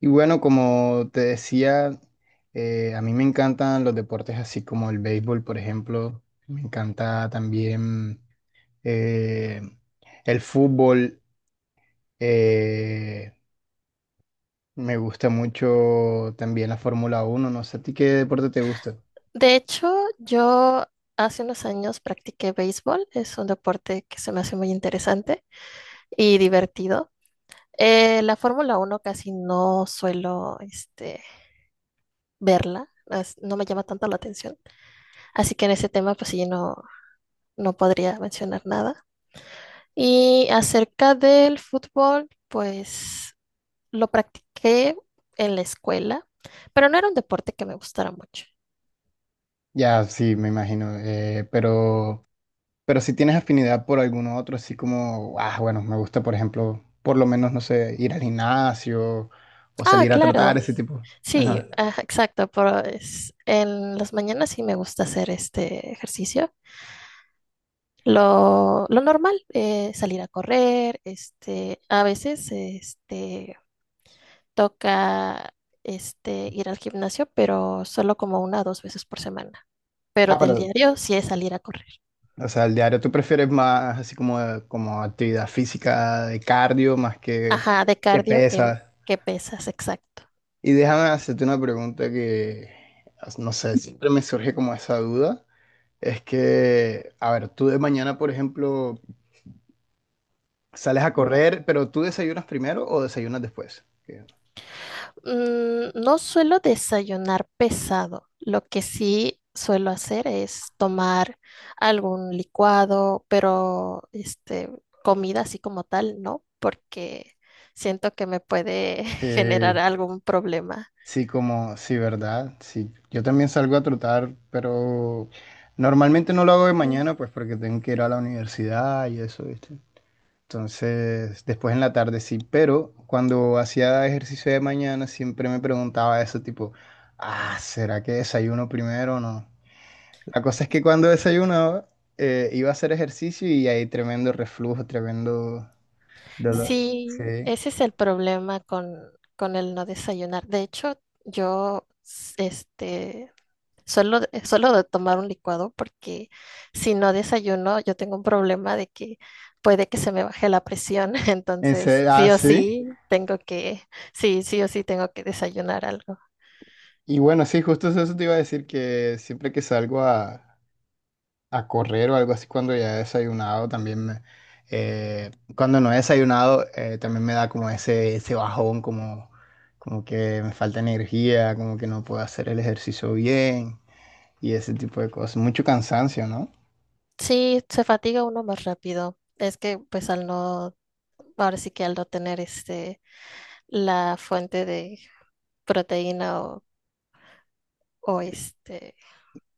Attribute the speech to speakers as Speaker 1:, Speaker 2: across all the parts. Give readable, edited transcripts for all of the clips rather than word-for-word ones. Speaker 1: Y bueno, como te decía, a mí me encantan los deportes así como el béisbol, por ejemplo. Me encanta también eh, el fútbol. eh, Me gusta mucho también la Fórmula 1. No sé a ti qué deporte te gusta.
Speaker 2: De hecho, yo hace unos años practiqué béisbol, es un deporte que se me hace muy interesante y divertido. La Fórmula Uno casi no suelo verla, no me llama tanto la atención, así que en ese tema pues sí, no, no podría mencionar nada. Y acerca del fútbol, pues lo practiqué en la escuela, pero no era un deporte que me gustara mucho.
Speaker 1: Ya, sí, me imagino. Pero, si tienes afinidad por alguno otro, así como, ah, bueno, me gusta, por ejemplo, por lo menos, no sé, ir al gimnasio o
Speaker 2: Ah,
Speaker 1: salir a tratar
Speaker 2: claro.
Speaker 1: ese tipo.
Speaker 2: Sí,
Speaker 1: Ajá.
Speaker 2: ajá, exacto, pero es, en las mañanas sí me gusta hacer este ejercicio. Lo normal, salir a correr, a veces toca ir al gimnasio, pero solo como una o dos veces por semana. Pero
Speaker 1: Ah,
Speaker 2: del
Speaker 1: pero
Speaker 2: diario sí es salir a correr.
Speaker 1: O sea, el diario tú prefieres más así como, como actividad física de cardio más
Speaker 2: Ajá, de
Speaker 1: que
Speaker 2: cardio
Speaker 1: pesas.
Speaker 2: que pesas, exacto.
Speaker 1: Y déjame hacerte una pregunta que, no sé, siempre me surge como esa duda. Es que, a ver, tú de mañana, por ejemplo, sales a correr, pero ¿tú desayunas primero o desayunas después? Que-
Speaker 2: Mm, no suelo desayunar pesado. Lo que sí suelo hacer es tomar algún licuado, pero comida así como tal, no, porque siento que me puede generar
Speaker 1: que
Speaker 2: algún problema.
Speaker 1: sí, como, sí, ¿verdad? Sí, yo también salgo a trotar, pero normalmente no lo hago de mañana, pues porque tengo que ir a la universidad y eso, ¿viste? Entonces, después en la tarde sí, pero cuando hacía ejercicio de mañana siempre me preguntaba eso tipo, ah, ¿será que desayuno primero o no? La cosa es que cuando desayunaba iba a hacer ejercicio y hay tremendo reflujo, tremendo dolor.
Speaker 2: Sí,
Speaker 1: Sí.
Speaker 2: ese es el problema con el no desayunar. De hecho, yo s- este, solo, solo de tomar un licuado porque si no desayuno, yo tengo un problema de que puede que se me baje la presión,
Speaker 1: En
Speaker 2: entonces
Speaker 1: serio, ah,
Speaker 2: sí o claro.
Speaker 1: sí.
Speaker 2: Sí tengo que, sí, sí o sí tengo que desayunar algo.
Speaker 1: Y bueno, sí, justo eso te iba a decir que siempre que salgo a correr o algo así cuando ya he desayunado, también me, eh, cuando no he desayunado también me da como ese bajón, como, como que me falta energía, como que no puedo hacer el ejercicio bien y ese tipo de cosas. Mucho cansancio, ¿no?
Speaker 2: Sí, se fatiga uno más rápido. Es que pues al no, ahora sí que al no tener la fuente de proteína o, o este,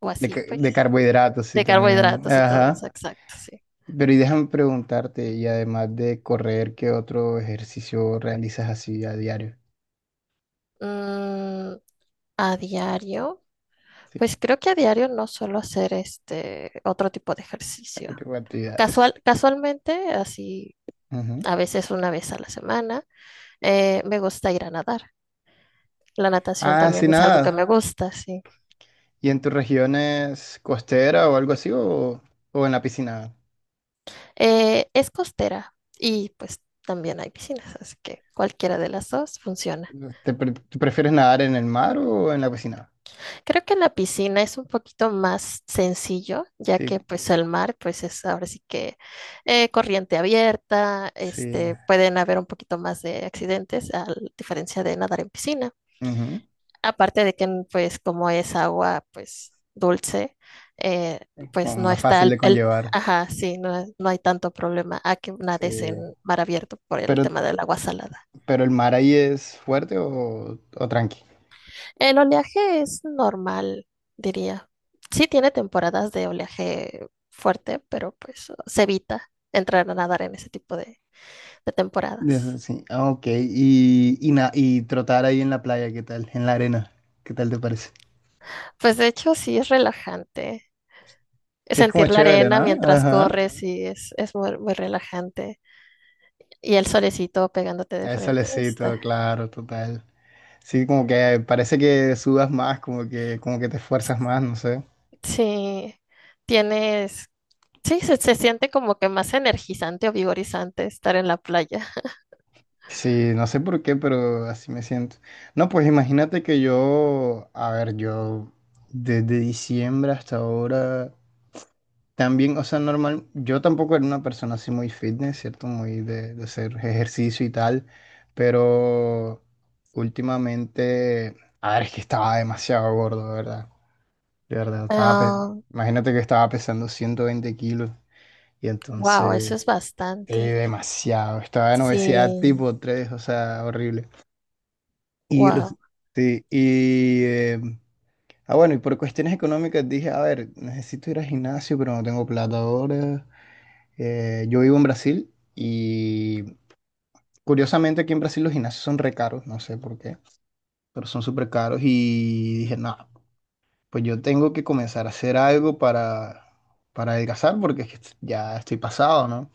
Speaker 2: o
Speaker 1: De, ca-
Speaker 2: así
Speaker 1: de
Speaker 2: pues,
Speaker 1: carbohidratos, sí,
Speaker 2: de
Speaker 1: también.
Speaker 2: carbohidratos y todo eso,
Speaker 1: Ajá.
Speaker 2: exacto, sí.
Speaker 1: Pero y déjame preguntarte, y además de correr, ¿qué otro ejercicio realizas así a diario?
Speaker 2: Mm, a diario.
Speaker 1: Sí,
Speaker 2: Pues creo que a diario no suelo hacer este otro tipo de ejercicio.
Speaker 1: ¿qué tipo de actividades?
Speaker 2: Casualmente, así
Speaker 1: Ujú.
Speaker 2: a veces una vez a la semana, me gusta ir a nadar. La natación
Speaker 1: Ah, sí,
Speaker 2: también es algo que
Speaker 1: nada.
Speaker 2: me gusta, sí.
Speaker 1: ¿Y en tus regiones costera o algo así o en la piscina?
Speaker 2: Es costera y pues también hay piscinas, así que cualquiera de las dos funciona.
Speaker 1: ¿Tú prefieres nadar en el mar o en la piscina?
Speaker 2: Creo que en la piscina es un poquito más sencillo, ya
Speaker 1: Sí,
Speaker 2: que pues el mar pues es ahora sí que corriente abierta,
Speaker 1: sí.
Speaker 2: pueden haber un poquito más de accidentes a diferencia de nadar en piscina.
Speaker 1: Ujú.
Speaker 2: Aparte de que pues como es agua pues dulce, eh,
Speaker 1: Como
Speaker 2: pues no
Speaker 1: más
Speaker 2: está
Speaker 1: fácil
Speaker 2: el,
Speaker 1: de
Speaker 2: el-
Speaker 1: conllevar.
Speaker 2: Ajá, sí, no, no hay tanto problema a que nades en
Speaker 1: Sí.
Speaker 2: mar abierto por el
Speaker 1: Pero,
Speaker 2: tema del agua salada.
Speaker 1: pero el mar ahí es fuerte o tranqui.
Speaker 2: El oleaje es normal, diría. Sí tiene temporadas de oleaje fuerte, pero pues se evita entrar a nadar en ese tipo de
Speaker 1: Eso
Speaker 2: temporadas.
Speaker 1: sí, ah, ok. Y trotar ahí en la playa, ¿qué tal? En la arena, ¿qué tal te parece?
Speaker 2: Pues de hecho sí es relajante.
Speaker 1: Sí, es como
Speaker 2: Sentir la
Speaker 1: chévere,
Speaker 2: arena
Speaker 1: ¿no?
Speaker 2: mientras
Speaker 1: Ajá.
Speaker 2: corres sí es muy, muy relajante. Y el solecito pegándote de
Speaker 1: Es
Speaker 2: frente está.
Speaker 1: solecito, claro, total. Sí, como que parece que sudas más, como que te esfuerzas más, no sé.
Speaker 2: Sí, tienes, sí, se siente como que más energizante o vigorizante estar en la playa.
Speaker 1: Sí, no sé por qué, pero así me siento. No, pues imagínate que yo, a ver, yo desde diciembre hasta ahora, también, o sea, normal, yo tampoco era una persona así muy fitness, ¿cierto? Muy de hacer ejercicio y tal, pero últimamente, a ver, es que estaba demasiado gordo, de ¿verdad? De verdad,
Speaker 2: Ah,
Speaker 1: imagínate que estaba pesando 120 kilos y
Speaker 2: wow,
Speaker 1: entonces...
Speaker 2: eso es
Speaker 1: Sí,
Speaker 2: bastante.
Speaker 1: demasiado. Estaba en obesidad
Speaker 2: Sí,
Speaker 1: tipo tres, o sea, horrible. Y, res-
Speaker 2: wow,
Speaker 1: sí, y ah, bueno, y por cuestiones económicas dije, a ver, necesito ir al gimnasio, pero no tengo plata ahora. Yo vivo en Brasil y curiosamente aquí en Brasil los gimnasios son re caros, no sé por qué, pero son súper caros. Y dije, no, pues yo tengo que comenzar a hacer algo para adelgazar porque es que ya estoy pasado, ¿no?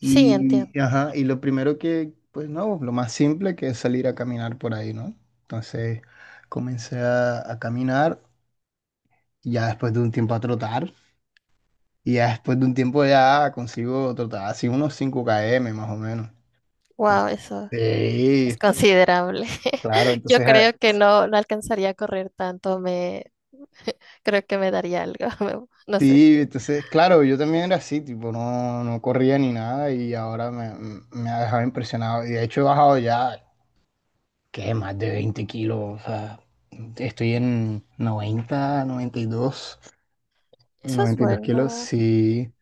Speaker 2: sí, entiendo.
Speaker 1: Y, ajá, y lo primero que, pues no, lo más simple que es salir a caminar por ahí, ¿no? Entonces comencé a caminar, y ya después de un tiempo a trotar, y ya después de un tiempo ya consigo trotar así unos 5 km más o menos.
Speaker 2: Wow,
Speaker 1: Entonces,
Speaker 2: eso es
Speaker 1: sí,
Speaker 2: considerable.
Speaker 1: claro,
Speaker 2: Yo
Speaker 1: entonces, ah,
Speaker 2: creo que no, no alcanzaría a correr tanto, me creo que me daría algo, no sé.
Speaker 1: sí, entonces, claro, yo también era así, tipo, no, no corría ni nada y ahora me ha dejado impresionado. Y de hecho he bajado ya. Que más de 20 kilos, o sea, estoy en 90, 92,
Speaker 2: Eso es
Speaker 1: 92 kilos,
Speaker 2: bueno.
Speaker 1: sí,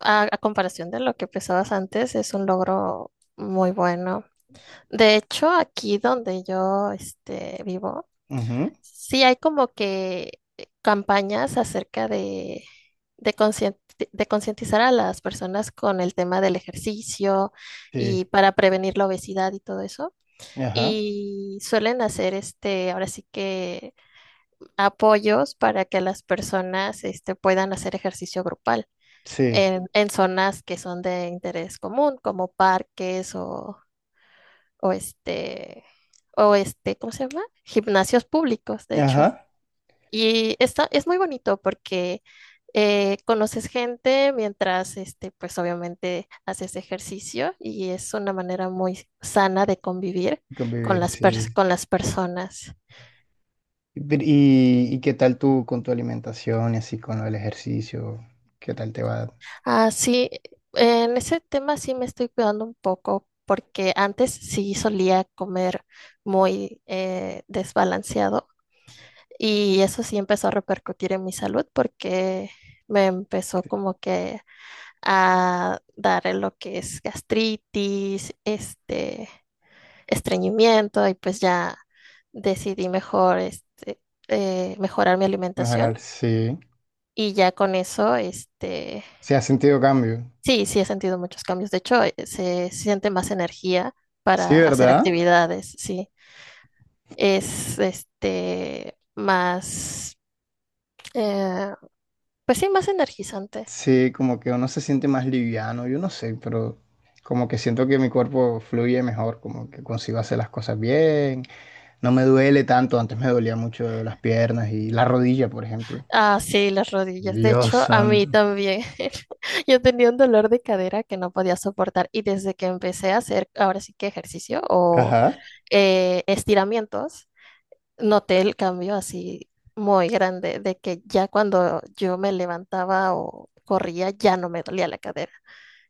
Speaker 2: A comparación de lo que pesabas antes, es un logro muy bueno. De hecho, aquí donde yo vivo,
Speaker 1: ujú,
Speaker 2: sí, hay como que campañas acerca de, de, conscien- de concientizar a las personas con el tema del ejercicio
Speaker 1: sí,
Speaker 2: y para prevenir la obesidad y todo eso.
Speaker 1: ajá,
Speaker 2: Y suelen hacer ahora sí que apoyos para que las personas puedan hacer ejercicio grupal
Speaker 1: sí,
Speaker 2: en zonas que son de interés común, como parques o, o este, o este, ¿cómo se llama? Gimnasios públicos, de hecho.
Speaker 1: ajá,
Speaker 2: Y está, es muy bonito porque conoces gente mientras, pues obviamente haces ejercicio y es una manera muy sana de convivir con
Speaker 1: convivir, sí.
Speaker 2: con las personas.
Speaker 1: Pero, ¿y qué tal tú con tu alimentación y así con el ejercicio? ¿Qué tal te va a
Speaker 2: Ah, sí, en ese tema sí me estoy cuidando un poco porque antes sí solía comer muy desbalanceado y eso sí empezó a repercutir en mi salud porque me empezó como que a dar lo que es gastritis, estreñimiento y pues ya decidí mejor mejorar mi
Speaker 1: mejorar?
Speaker 2: alimentación
Speaker 1: Sí,
Speaker 2: y ya con eso,
Speaker 1: sí, has sentido cambio.
Speaker 2: sí, sí he sentido muchos cambios. De hecho, se siente más energía
Speaker 1: Sí,
Speaker 2: para hacer
Speaker 1: ¿verdad?
Speaker 2: actividades, sí. Es este más, eh, pues sí, más energizante.
Speaker 1: Sí, como que uno se siente más liviano, yo no sé, pero como que siento que mi cuerpo fluye mejor, como que consigo hacer las cosas bien. No me duele tanto, antes me dolía mucho las piernas y la rodilla, por ejemplo.
Speaker 2: Ah, sí, las rodillas. De
Speaker 1: Dios
Speaker 2: hecho, a mí
Speaker 1: santo.
Speaker 2: también. Yo tenía un dolor de cadera que no podía soportar y desde que empecé a hacer ahora sí que ejercicio o
Speaker 1: Ajá.
Speaker 2: estiramientos, noté el cambio así muy grande de que ya cuando yo me levantaba o corría ya no me dolía la cadera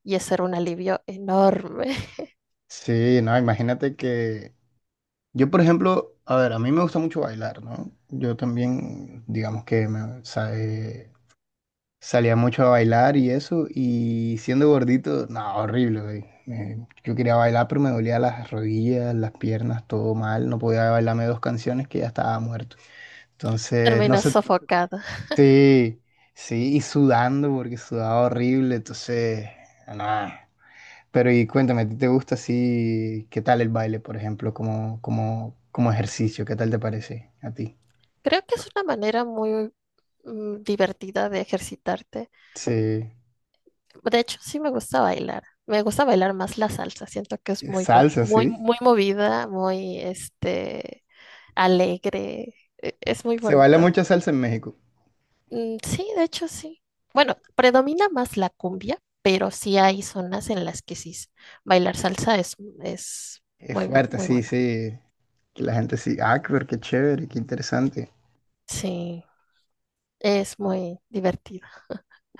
Speaker 2: y eso era un alivio enorme.
Speaker 1: Sí, no, imagínate que yo, por ejemplo, a ver, a mí me gusta mucho bailar, ¿no? Yo también, digamos que me salía mucho a bailar y eso, y siendo gordito, no, horrible, güey. Yo quería bailar, pero me dolía las rodillas, las piernas, todo mal, no podía bailarme dos canciones que ya estaba muerto. Entonces, no
Speaker 2: Terminas
Speaker 1: sé,
Speaker 2: sofocada.
Speaker 1: sí, sí, y sudando porque sudaba horrible, entonces, nada. Pero y cuéntame, ¿a ti te gusta así? ¿Qué tal el baile, por ejemplo, como ejercicio? ¿Qué tal te parece a ti?
Speaker 2: Creo que es una manera muy divertida de ejercitarte.
Speaker 1: Sí,
Speaker 2: De hecho, sí me gusta bailar. Me gusta bailar más la salsa. Siento que es muy,
Speaker 1: salsa,
Speaker 2: muy,
Speaker 1: sí.
Speaker 2: muy movida, muy, alegre. Es muy
Speaker 1: Se baila
Speaker 2: bonito.
Speaker 1: mucha salsa en México.
Speaker 2: Mm, sí, de hecho, sí. Bueno, predomina más la cumbia, pero sí hay zonas en las que bailar salsa es
Speaker 1: Es
Speaker 2: muy,
Speaker 1: fuerte,
Speaker 2: muy
Speaker 1: sí,
Speaker 2: bueno.
Speaker 1: sí. Que la gente sí, ah, pero qué chévere, qué interesante.
Speaker 2: Sí, es muy divertido.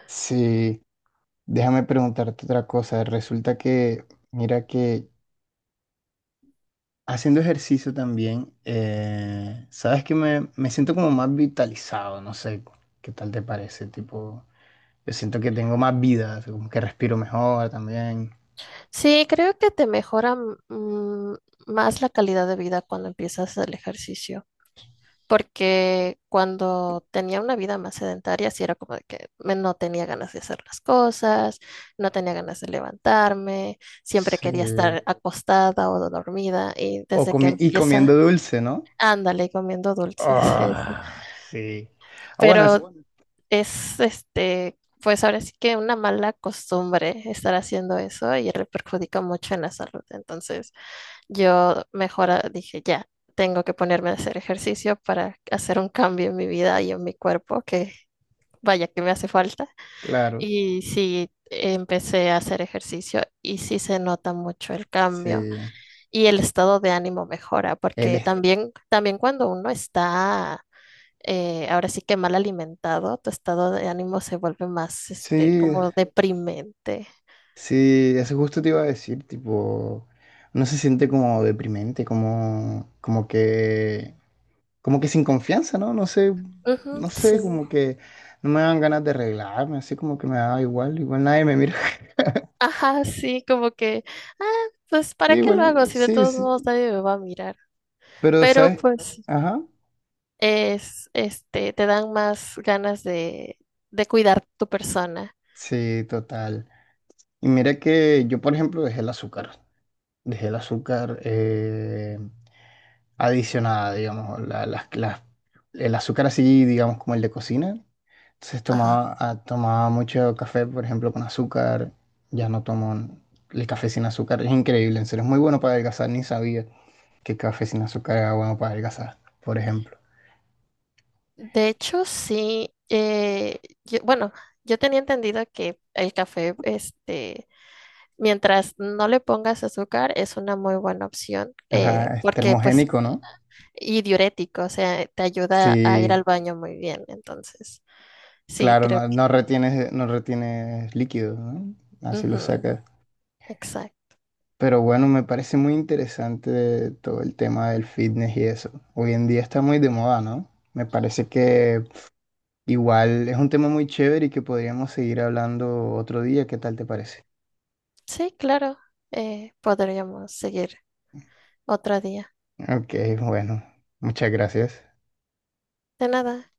Speaker 1: Sí, déjame preguntarte otra cosa. Resulta que, mira que haciendo ejercicio también, sabes que me siento como más vitalizado, no sé qué tal te parece, tipo, yo siento que tengo más vida, así como que respiro mejor también,
Speaker 2: Sí, creo que te mejora mm, más la calidad de vida cuando empiezas el ejercicio. Porque cuando tenía una vida más sedentaria, sí era como de que no tenía ganas de hacer las cosas, no tenía ganas de levantarme, siempre quería
Speaker 1: sí.
Speaker 2: estar acostada o dormida y
Speaker 1: O
Speaker 2: desde que
Speaker 1: comi- y comiendo
Speaker 2: empieza,
Speaker 1: dulce, ¿no?
Speaker 2: ándale comiendo dulces. es-
Speaker 1: Ah, sí. Ah, bueno,
Speaker 2: Pero es pues ahora sí que una mala costumbre estar haciendo eso y le perjudica mucho en la salud. Entonces, yo mejor ah, dije, ya, tengo que ponerme a hacer ejercicio para hacer un cambio en mi vida y en mi cuerpo, que vaya que me hace falta.
Speaker 1: claro,
Speaker 2: Y sí, empecé a hacer ejercicio y sí se nota mucho el cambio
Speaker 1: sí.
Speaker 2: y el estado de ánimo mejora,
Speaker 1: Él
Speaker 2: porque
Speaker 1: es,
Speaker 2: también, también cuando uno está, ahora sí que mal alimentado, tu estado de ánimo se vuelve más,
Speaker 1: sí,
Speaker 2: como deprimente.
Speaker 1: sí, eso justo te iba a decir, tipo, no se siente como deprimente, como que sin confianza, ¿no? No sé,
Speaker 2: Ujú,
Speaker 1: no sé,
Speaker 2: sí.
Speaker 1: como que no me dan ganas de arreglarme, así como que me da igual, igual nadie me mira.
Speaker 2: Ajá, sí, como que, ah, pues ¿para
Speaker 1: Sí,
Speaker 2: qué lo
Speaker 1: bueno,
Speaker 2: hago si de
Speaker 1: sí,
Speaker 2: todos
Speaker 1: sí,
Speaker 2: modos nadie me va a mirar?
Speaker 1: pero,
Speaker 2: Pero
Speaker 1: ¿sabes?
Speaker 2: pues
Speaker 1: Ajá,
Speaker 2: es, te dan más ganas de cuidar tu persona.
Speaker 1: sí, total. Y mira que yo, por ejemplo, dejé el azúcar adicionada, digamos, el azúcar así, digamos, como el de cocina. Entonces
Speaker 2: Ajá.
Speaker 1: tomaba, ah, tomaba mucho café, por ejemplo, con azúcar. Ya no tomo el café sin azúcar. Es increíble, en serio. Es muy bueno para adelgazar. Ni sabía que el café sin azúcar era bueno para adelgazar, por ejemplo.
Speaker 2: De hecho, sí, bueno, yo tenía entendido que el café, mientras no le pongas azúcar, es una muy buena opción,
Speaker 1: Ajá, es
Speaker 2: porque pues,
Speaker 1: termogénico, ¿no?
Speaker 2: y diurético, o sea, te ayuda a ir
Speaker 1: Sí,
Speaker 2: al baño muy bien, entonces, sí,
Speaker 1: claro,
Speaker 2: creo
Speaker 1: no, no
Speaker 2: que...
Speaker 1: retienes, no retienes líquidos, ¿no? Así lo
Speaker 2: Ujú.
Speaker 1: sacas.
Speaker 2: Exacto.
Speaker 1: Pero bueno, me parece muy interesante todo el tema del fitness y eso. Hoy en día está muy de moda, ¿no? Me parece que igual es un tema muy chévere y que podríamos seguir hablando otro día. ¿Qué tal te parece?
Speaker 2: Sí, claro. Podríamos seguir otro día.
Speaker 1: Ok, bueno, muchas gracias.
Speaker 2: De nada.